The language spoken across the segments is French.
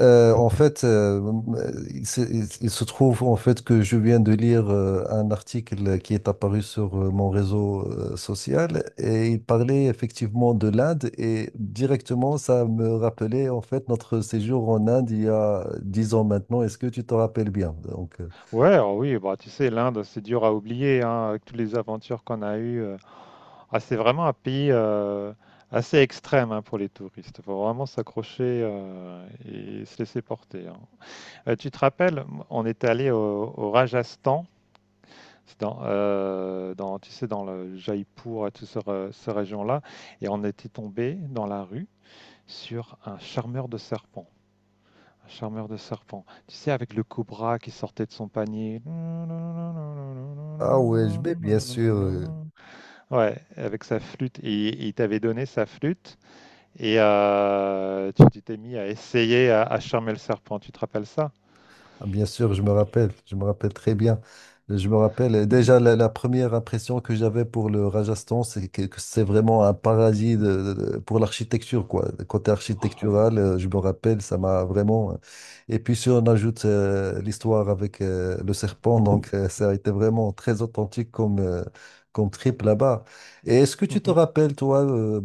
En fait, il- se trouve en fait que je viens de lire un article qui est apparu sur mon réseau social, et il parlait effectivement de l'Inde, et directement ça me rappelait en fait notre séjour en Inde il y a 10 ans maintenant. Est-ce que tu te rappelles bien? Donc, Ouais, alors oui, bah, tu sais, l'Inde, c'est dur à oublier, hein, avec toutes les aventures qu'on a eues. Ah, c'est vraiment un pays assez extrême, hein, pour les touristes. Il faut vraiment s'accrocher, et se laisser porter, hein. Tu te rappelles, on est allé au Rajasthan, c'est dans, tu sais, dans le Jaipur et toute cette région-là, et on était tombé dans la rue sur un charmeur de serpents. Un charmeur de serpents. Tu sais, avec le cobra qui sortait de son panier. ah ouais, je vais bien sûr. Ouais, avec sa flûte. Et il t'avait donné sa flûte et tu t'es mis à essayer à charmer le serpent. Tu te rappelles ça? Ah, bien sûr, je me rappelle très bien. Je me rappelle déjà la première impression que j'avais pour le Rajasthan, c'est que c'est vraiment un paradis pour l'architecture, quoi. Le côté Ah, ouais. architectural, je me rappelle, ça m'a vraiment. Et puis si on ajoute l'histoire avec le serpent, donc ça a été vraiment très authentique comme trip là-bas. Et est-ce que tu te Mhm. rappelles, toi,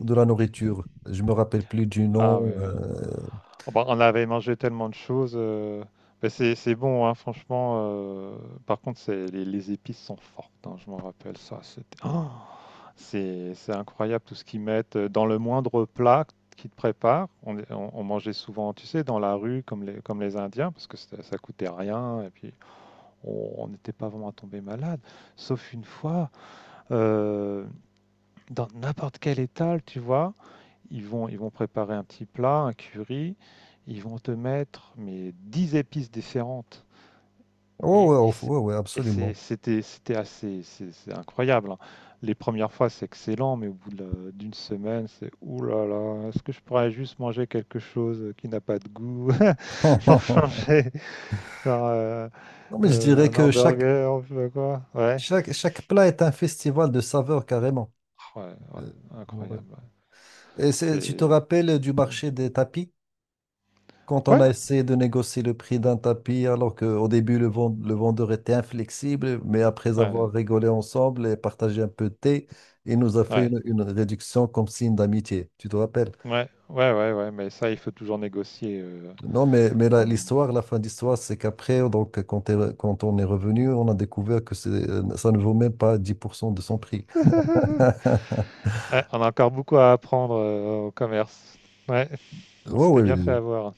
de la nourriture? Je me rappelle plus du nom. Ah, ouais. Oh bah, on avait mangé tellement de choses, mais c'est bon, hein, franchement. Par contre, les épices sont fortes, hein, je m'en rappelle ça. C'était. Oh, c'est incroyable tout ce qu'ils mettent, dans le moindre plat qu'ils te préparent. On mangeait souvent, tu sais, dans la rue comme les Indiens parce que ça coûtait rien et puis on n'était pas vraiment tombé malade. Sauf une fois, euh, dans n'importe quel étal, tu vois, ils vont préparer un petit plat, un curry, ils vont te mettre mais 10 épices différentes. Et Oh et ouais, c'est ouais, ouais, et c'est absolument. c'était c'était assez c'est incroyable, hein. Les premières fois, c'est excellent, mais au bout de la d'une semaine, c'est: «Ouh là là, est-ce que je pourrais juste manger quelque chose qui n'a pas de goût?» pour changer, genre, Non, mais je dirais un que chaque, hamburger ou je sais pas quoi. Ouais. chaque, chaque plat est un festival de saveurs, carrément. Ouais, ouais, Euh, ouais. incroyable, ouais. Et tu te C'est rappelles du marché des tapis? Quand on ouais, a essayé de négocier le prix d'un tapis, alors qu'au début, le vendeur était inflexible, mais après avoir ouais, rigolé ensemble et partagé un peu de thé, il nous a fait ouais, une réduction comme signe d'amitié. Tu te rappelles? ouais, ouais, ouais, ouais, mais ça, il faut toujours négocier, Non, mais en l'histoire, la fin d'histoire, c'est qu'après, donc, quand on est revenu, on a découvert que ça ne vaut même pas 10% de son prix. Ouais, on a encore beaucoup à apprendre, au commerce. Ouais. On Ouais, s'était oui, bien fait oui. avoir.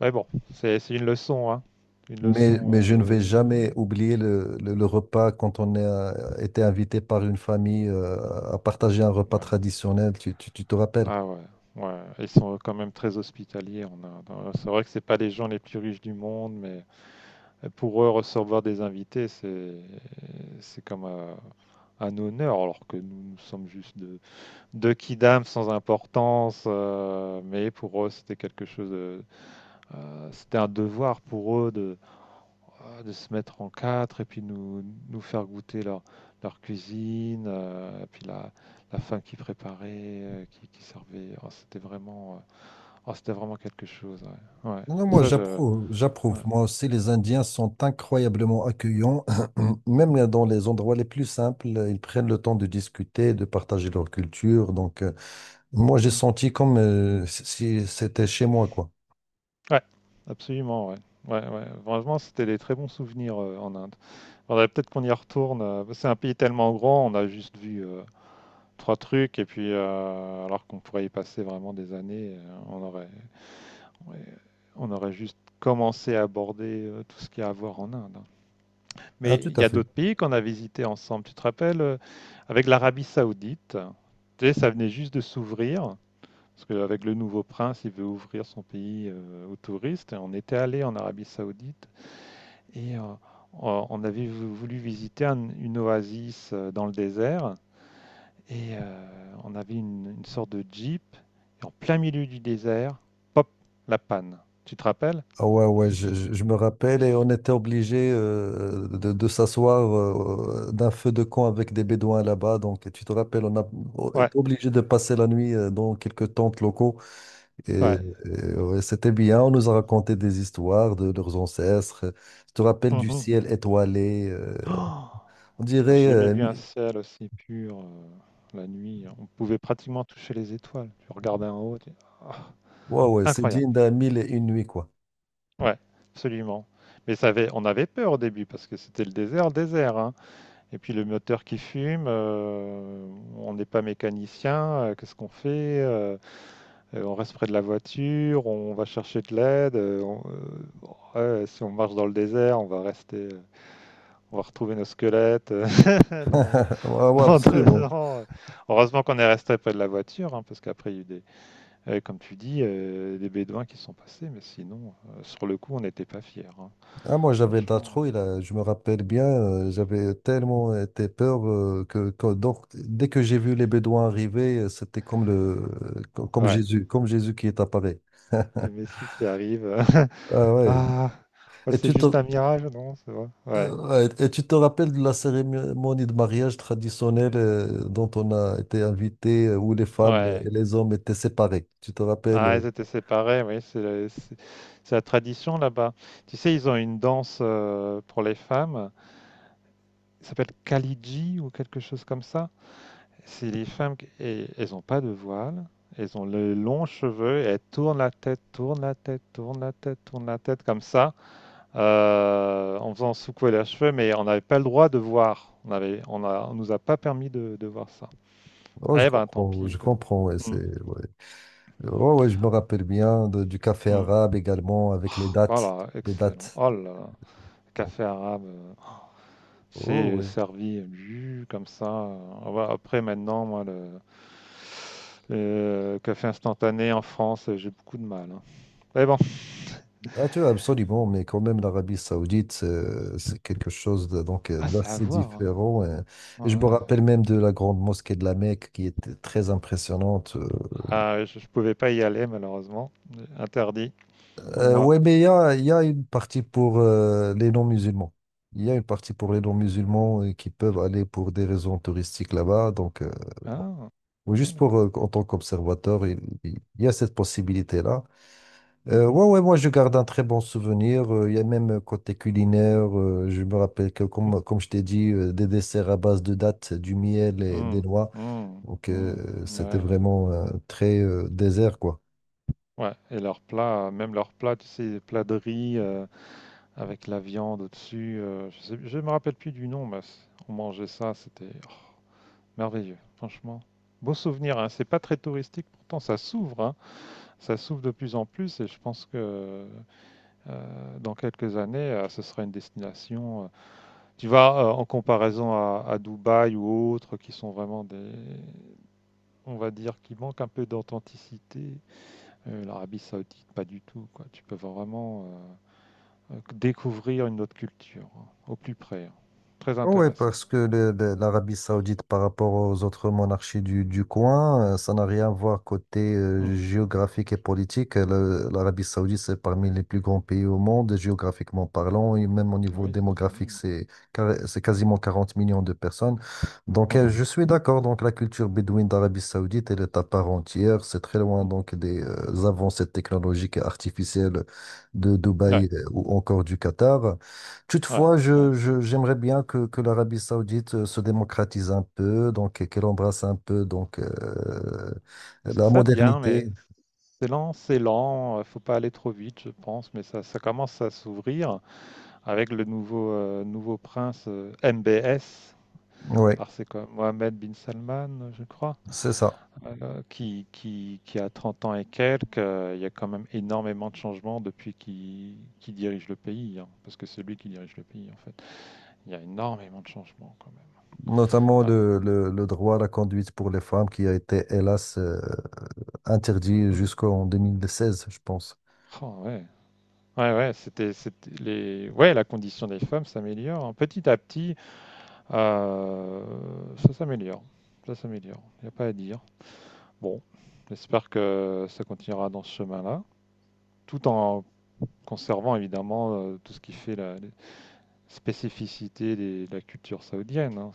Mais bon, c'est une leçon, hein. Une Mais leçon. je ne vais jamais oublier le, le repas quand on a été invité par une famille à partager un repas Ouais. traditionnel, tu te rappelles? Ah, ouais. Ouais, ils sont quand même très hospitaliers en Inde, hein. C'est vrai que c'est pas les gens les plus riches du monde, mais pour eux recevoir des invités, c'est comme un honneur, alors que nous, nous sommes juste de deux kidams sans importance. Mais pour eux, c'était quelque chose de, c'était un devoir pour eux de de se mettre en quatre et puis nous, nous faire goûter leur cuisine, et puis la fin qu'ils préparaient, qui servait. Oh, c'était vraiment, oh, c'était vraiment quelque chose. Ouais. Ouais. Non, Oh, moi Ouais. ça, je. j'approuve, Ouais. j'approuve. Moi aussi, les Indiens sont incroyablement accueillants, Mhm. même dans les endroits les plus simples, ils prennent le temps de discuter, de partager leur culture. Donc, moi j'ai Mhm. senti comme si c'était chez moi, quoi. Ouais, absolument. Ouais. Ouais, ouais. Vraiment, c'était des très bons souvenirs, en Inde. Faudrait peut-être qu'on y retourne. C'est un pays tellement grand, on a juste vu, trois trucs, et puis alors qu'on pourrait y passer vraiment des années, on aurait, ouais, on aurait juste commencé à aborder, tout ce qu'il y a à voir en Inde. Mais Ah, tout il à y a fait. d'autres pays qu'on a visités ensemble. Tu te rappelles, avec l'Arabie Saoudite, tu sais, ça venait juste de s'ouvrir. Parce qu'avec le nouveau prince, il veut ouvrir son pays, aux touristes. Et on était allé en Arabie Saoudite et euh, on avait voulu visiter une oasis, dans le désert. On avait une sorte de jeep. Et en plein milieu du désert, pop, la panne. Tu te rappelles? Ah ouais, ouais, je me rappelle, et on était obligé de s'asseoir d'un feu de camp avec des Bédouins là-bas. Donc, tu te rappelles, on Ouais, était obligé de passer la nuit dans quelques tentes locaux. Et, ouais. et, ouais, c'était bien, on nous a raconté des histoires de leurs ancêtres. Tu te rappelles du Mhm. ciel étoilé. Oh! On J'ai dirait, jamais vu un ciel aussi pur, la nuit, on pouvait pratiquement toucher les étoiles. Tu regardais en haut, tu ah! ouais, ouais, c'est Incroyable. digne d'un mille et une nuits, quoi. Ouais, absolument. Mais ça avait on avait peur au début parce que c'était le désert, désert, hein, et puis le moteur qui fume, on n'est pas mécanicien, qu'est-ce qu'on fait? On reste près de la voiture, on va chercher de l'aide, ouais, si on marche dans le désert, on va rester, on va retrouver nos squelettes, dans, Ouais, ouais, dans deux absolument. ans. Heureusement qu'on est resté près de la voiture, hein, parce qu'après, il y a eu comme tu dis, des bédouins qui sont passés, mais sinon, sur le coup, on n'était pas fiers, hein. Ah, moi, j'avais de la Franchement, trouille, là. Je me rappelle bien, j'avais tellement été peur donc, dès que j'ai vu les Bédouins arriver, c'était comme ouais. Comme Jésus qui est apparu. Le Messi qui arrive. Ah ouais. Ah, oh, Et c'est tu te, juste un mirage, non? C'est vrai. Ouais. ouais, et tu te rappelles de la cérémonie de mariage traditionnelle dont on a été invité, où les femmes Ouais. et les hommes étaient séparés. Tu te rappelles? Ah, ils étaient séparés, oui, c'est la tradition là-bas. Tu sais, ils ont une danse, pour les femmes, ça s'appelle Kaliji ou quelque chose comme ça. Si les femmes, elles ont pas de voile, elles ont les longs cheveux, et elles tournent la tête, tournent la tête, tournent la tête, tournent la tête comme ça, en faisant secouer leurs cheveux, mais on n'avait pas le droit de voir. On nous a pas permis de voir ça. Oh, Ah, je eh ben, tant comprends, pis. je Écoute. comprends. Ouais, Mm, ouais. Ouais, ouais, je me rappelle bien du café mm. arabe également avec les Oh dates, là, les excellent. dates. Oh là là. Donc, Café arabe, oh, c'est ouais. servi, comme ça. Ah, ouais, après, maintenant, moi, le café instantané en France, j'ai beaucoup de mal, hein. Mais bon, Ah, tu absolument, mais quand même l'Arabie Saoudite, c'est quelque chose donc ah, c'est à d'assez voir, hein. différent. Ouais, Et, je me ouais. rappelle même de la grande mosquée de La Mecque qui était très impressionnante. Ah, je pouvais pas y aller malheureusement, interdit pour moi. Ouais, mais il y a une partie pour les non-musulmans. Il y a une partie pour les non-musulmans qui peuvent aller pour des raisons touristiques là-bas. Donc, Ah, oui, ah, juste pour, d'accord. En tant qu'observateur, il y a cette possibilité-là. Mhm. Ouais, ouais, moi, je garde un très bon souvenir. Il y a même côté culinaire, je me rappelle que, comme je t'ai dit, des desserts à base de dattes, du miel et des Mm, noix. mm, Donc, mm. Ouais, c'était ouais. vraiment très désert, quoi. Ouais, et leurs plats, même leurs plats, tu sais, les plats de riz, avec la viande au-dessus. Je me rappelle plus du nom, mais on mangeait ça, c'était, oh, merveilleux, franchement. Beau souvenir, hein. C'est pas très touristique, pourtant ça s'ouvre, hein. Ça s'ouvre de plus en plus, et je pense que dans quelques années, ce sera une destination. Tu vas, en comparaison à Dubaï ou autres qui sont vraiment des, on va dire, qui manquent un peu d'authenticité. L'Arabie Saoudite, pas du tout, quoi. Tu peux vraiment découvrir une autre culture, hein, au plus près, hein. Très Oui, intéressant. parce que l'Arabie Saoudite, par rapport aux autres monarchies du coin, ça n'a rien à voir, côté Mhm. géographique et politique. L'Arabie Saoudite, c'est parmi les plus grands pays au monde, géographiquement parlant, et même au niveau Oui, c'est démographique, tendu. c'est quasiment 40 millions de personnes. Donc, Mhm. je suis d'accord, donc la culture bédouine d'Arabie Saoudite, elle est à part entière. C'est très loin Mhm. donc des avancées technologiques et artificielles de Ouais, Dubaï ou encore du Qatar. ouais, Toutefois, ouais. J'aimerais bien que l'Arabie Saoudite se démocratise un peu, donc, et qu'elle embrasse un peu, donc Et C'est la Ça vient, mais modernité. c'est lent, c'est lent. Faut pas aller trop vite, je pense, mais ça commence à s'ouvrir. Avec le nouveau prince, MBS. Oui, Alors c'est quoi, Mohamed bin Salman, je crois, c'est ça. Qui a 30 ans et quelques. Il y a quand même énormément de changements depuis qu'il dirige le pays, hein, parce que c'est lui qui dirige le pays en fait. Il y a énormément de changements quand Notamment même. Ouais. le droit à la conduite pour les femmes, qui a été, hélas, interdit Mm. jusqu'en 2016, je pense. Oh, ouais. Ouais, ouais, ouais, la condition des femmes s'améliore, hein. Petit à petit, ça s'améliore. Ça s'améliore. Il n'y a pas à dire. Bon, j'espère que ça continuera dans ce chemin-là, tout en conservant évidemment, tout ce qui fait la les spécificités de la culture saoudienne, hein.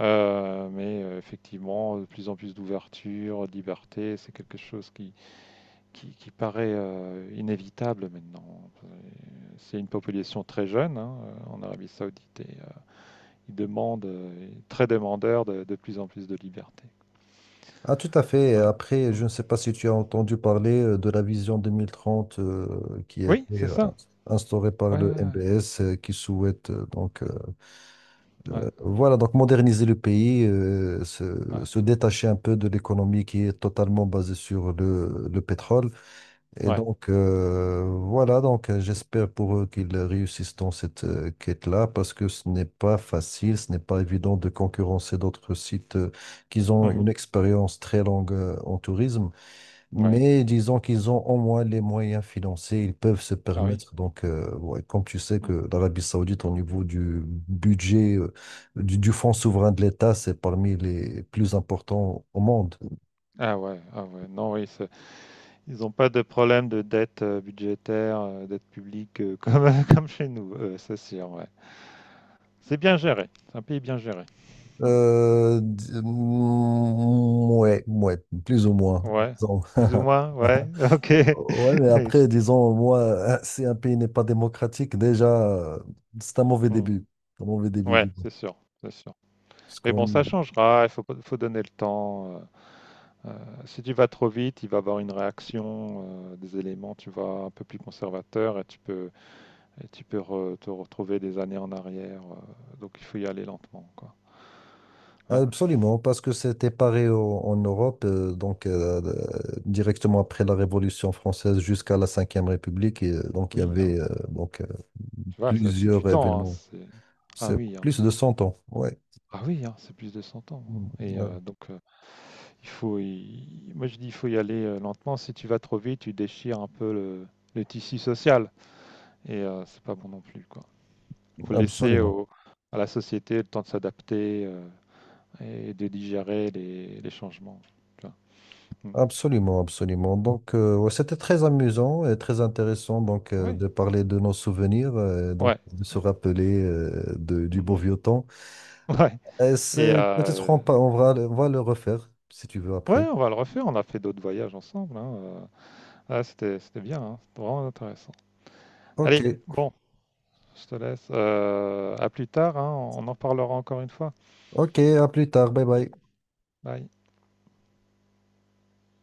Mais, effectivement, de plus en plus d'ouverture, de liberté, c'est quelque chose qui paraît, inévitable maintenant. C'est une population très jeune, hein, en Arabie Saoudite ils demandent, très demandeurs de plus en plus de liberté. Ah, tout à fait. Et Ouais. après, Mm. je ne sais pas si tu as entendu parler de la vision 2030 qui a Oui, été c'est ça. instaurée par Ouais, le ouais, MBS, qui souhaite donc ouais. Voilà, donc moderniser le pays, Ouais, ouais. se détacher un peu de l'économie qui est totalement basée sur le pétrole. Et Ouais. donc, voilà, donc j'espère pour eux qu'ils réussissent dans cette quête-là, parce que ce n'est pas facile, ce n'est pas évident de concurrencer d'autres sites qui ont Mhm. une expérience très longue en tourisme. Ouais. Mais disons qu'ils ont au moins les moyens financiers, ils peuvent se Ah, oui. permettre. Donc, ouais, comme tu sais Mmh. que l'Arabie Saoudite, au niveau du budget, du fonds souverain de l'État, c'est parmi les plus importants au monde. Ah, ouais, ah, ouais. Non, oui, c'est ils ont pas de problème de dette, budgétaire, dette publique, comme chez nous, c'est sûr, ouais. C'est bien géré, c'est un pays bien géré. Mmh. Ouais, ouais, plus ou moins, Ouais, disons. plus ou moins, ouais, OK. Ouais, mais Oui, je après, disons, moi, si un pays n'est pas démocratique, déjà, c'est un mauvais mmh. début. Un mauvais début, Ouais, disons. c'est sûr, c'est sûr. Parce Mais bon, qu'on, ça changera, il faut pas, faut donner le temps, heu, si tu vas trop vite, il va y avoir une réaction, des éléments, tu vois, un peu plus conservateur et tu peux te retrouver des années en arrière. Donc il faut y aller lentement, quoi. Ouais. Absolument, parce que c'était pareil en Europe, donc directement après la Révolution française jusqu'à la Cinquième République, et, donc il y Oui, hein. avait donc Tu vois, ça, c'est du plusieurs temps, hein, événements. Ah, C'est oui, hein. plus de 100 ans, ouais. Ah, oui, hein, c'est plus de 100 ans, Mm, hein. Euh, Donc, moi je dis, il faut y aller, lentement. Si tu vas trop vite, tu déchires un peu le tissu social. C'est pas bon non plus, quoi. Faut laisser Absolument, à la société le temps de s'adapter, et de digérer les changements. Tu vois. Mm. absolument, absolument. Donc ouais, c'était très amusant et très intéressant, donc Ouais, de parler de nos souvenirs, donc ouais, de se rappeler du beau mhm. vieux temps. Ouais. Et Et c'est peut-être, euh, on va le refaire si tu veux Ouais, après. on va le refaire. On a fait d'autres voyages ensemble, hein. Ah, c'était bien, hein. C'était vraiment intéressant. Ok. Allez, bon, je te laisse. À plus tard, hein. On en parlera encore une fois. Ok, à plus tard, bye Ok. bye. Bye.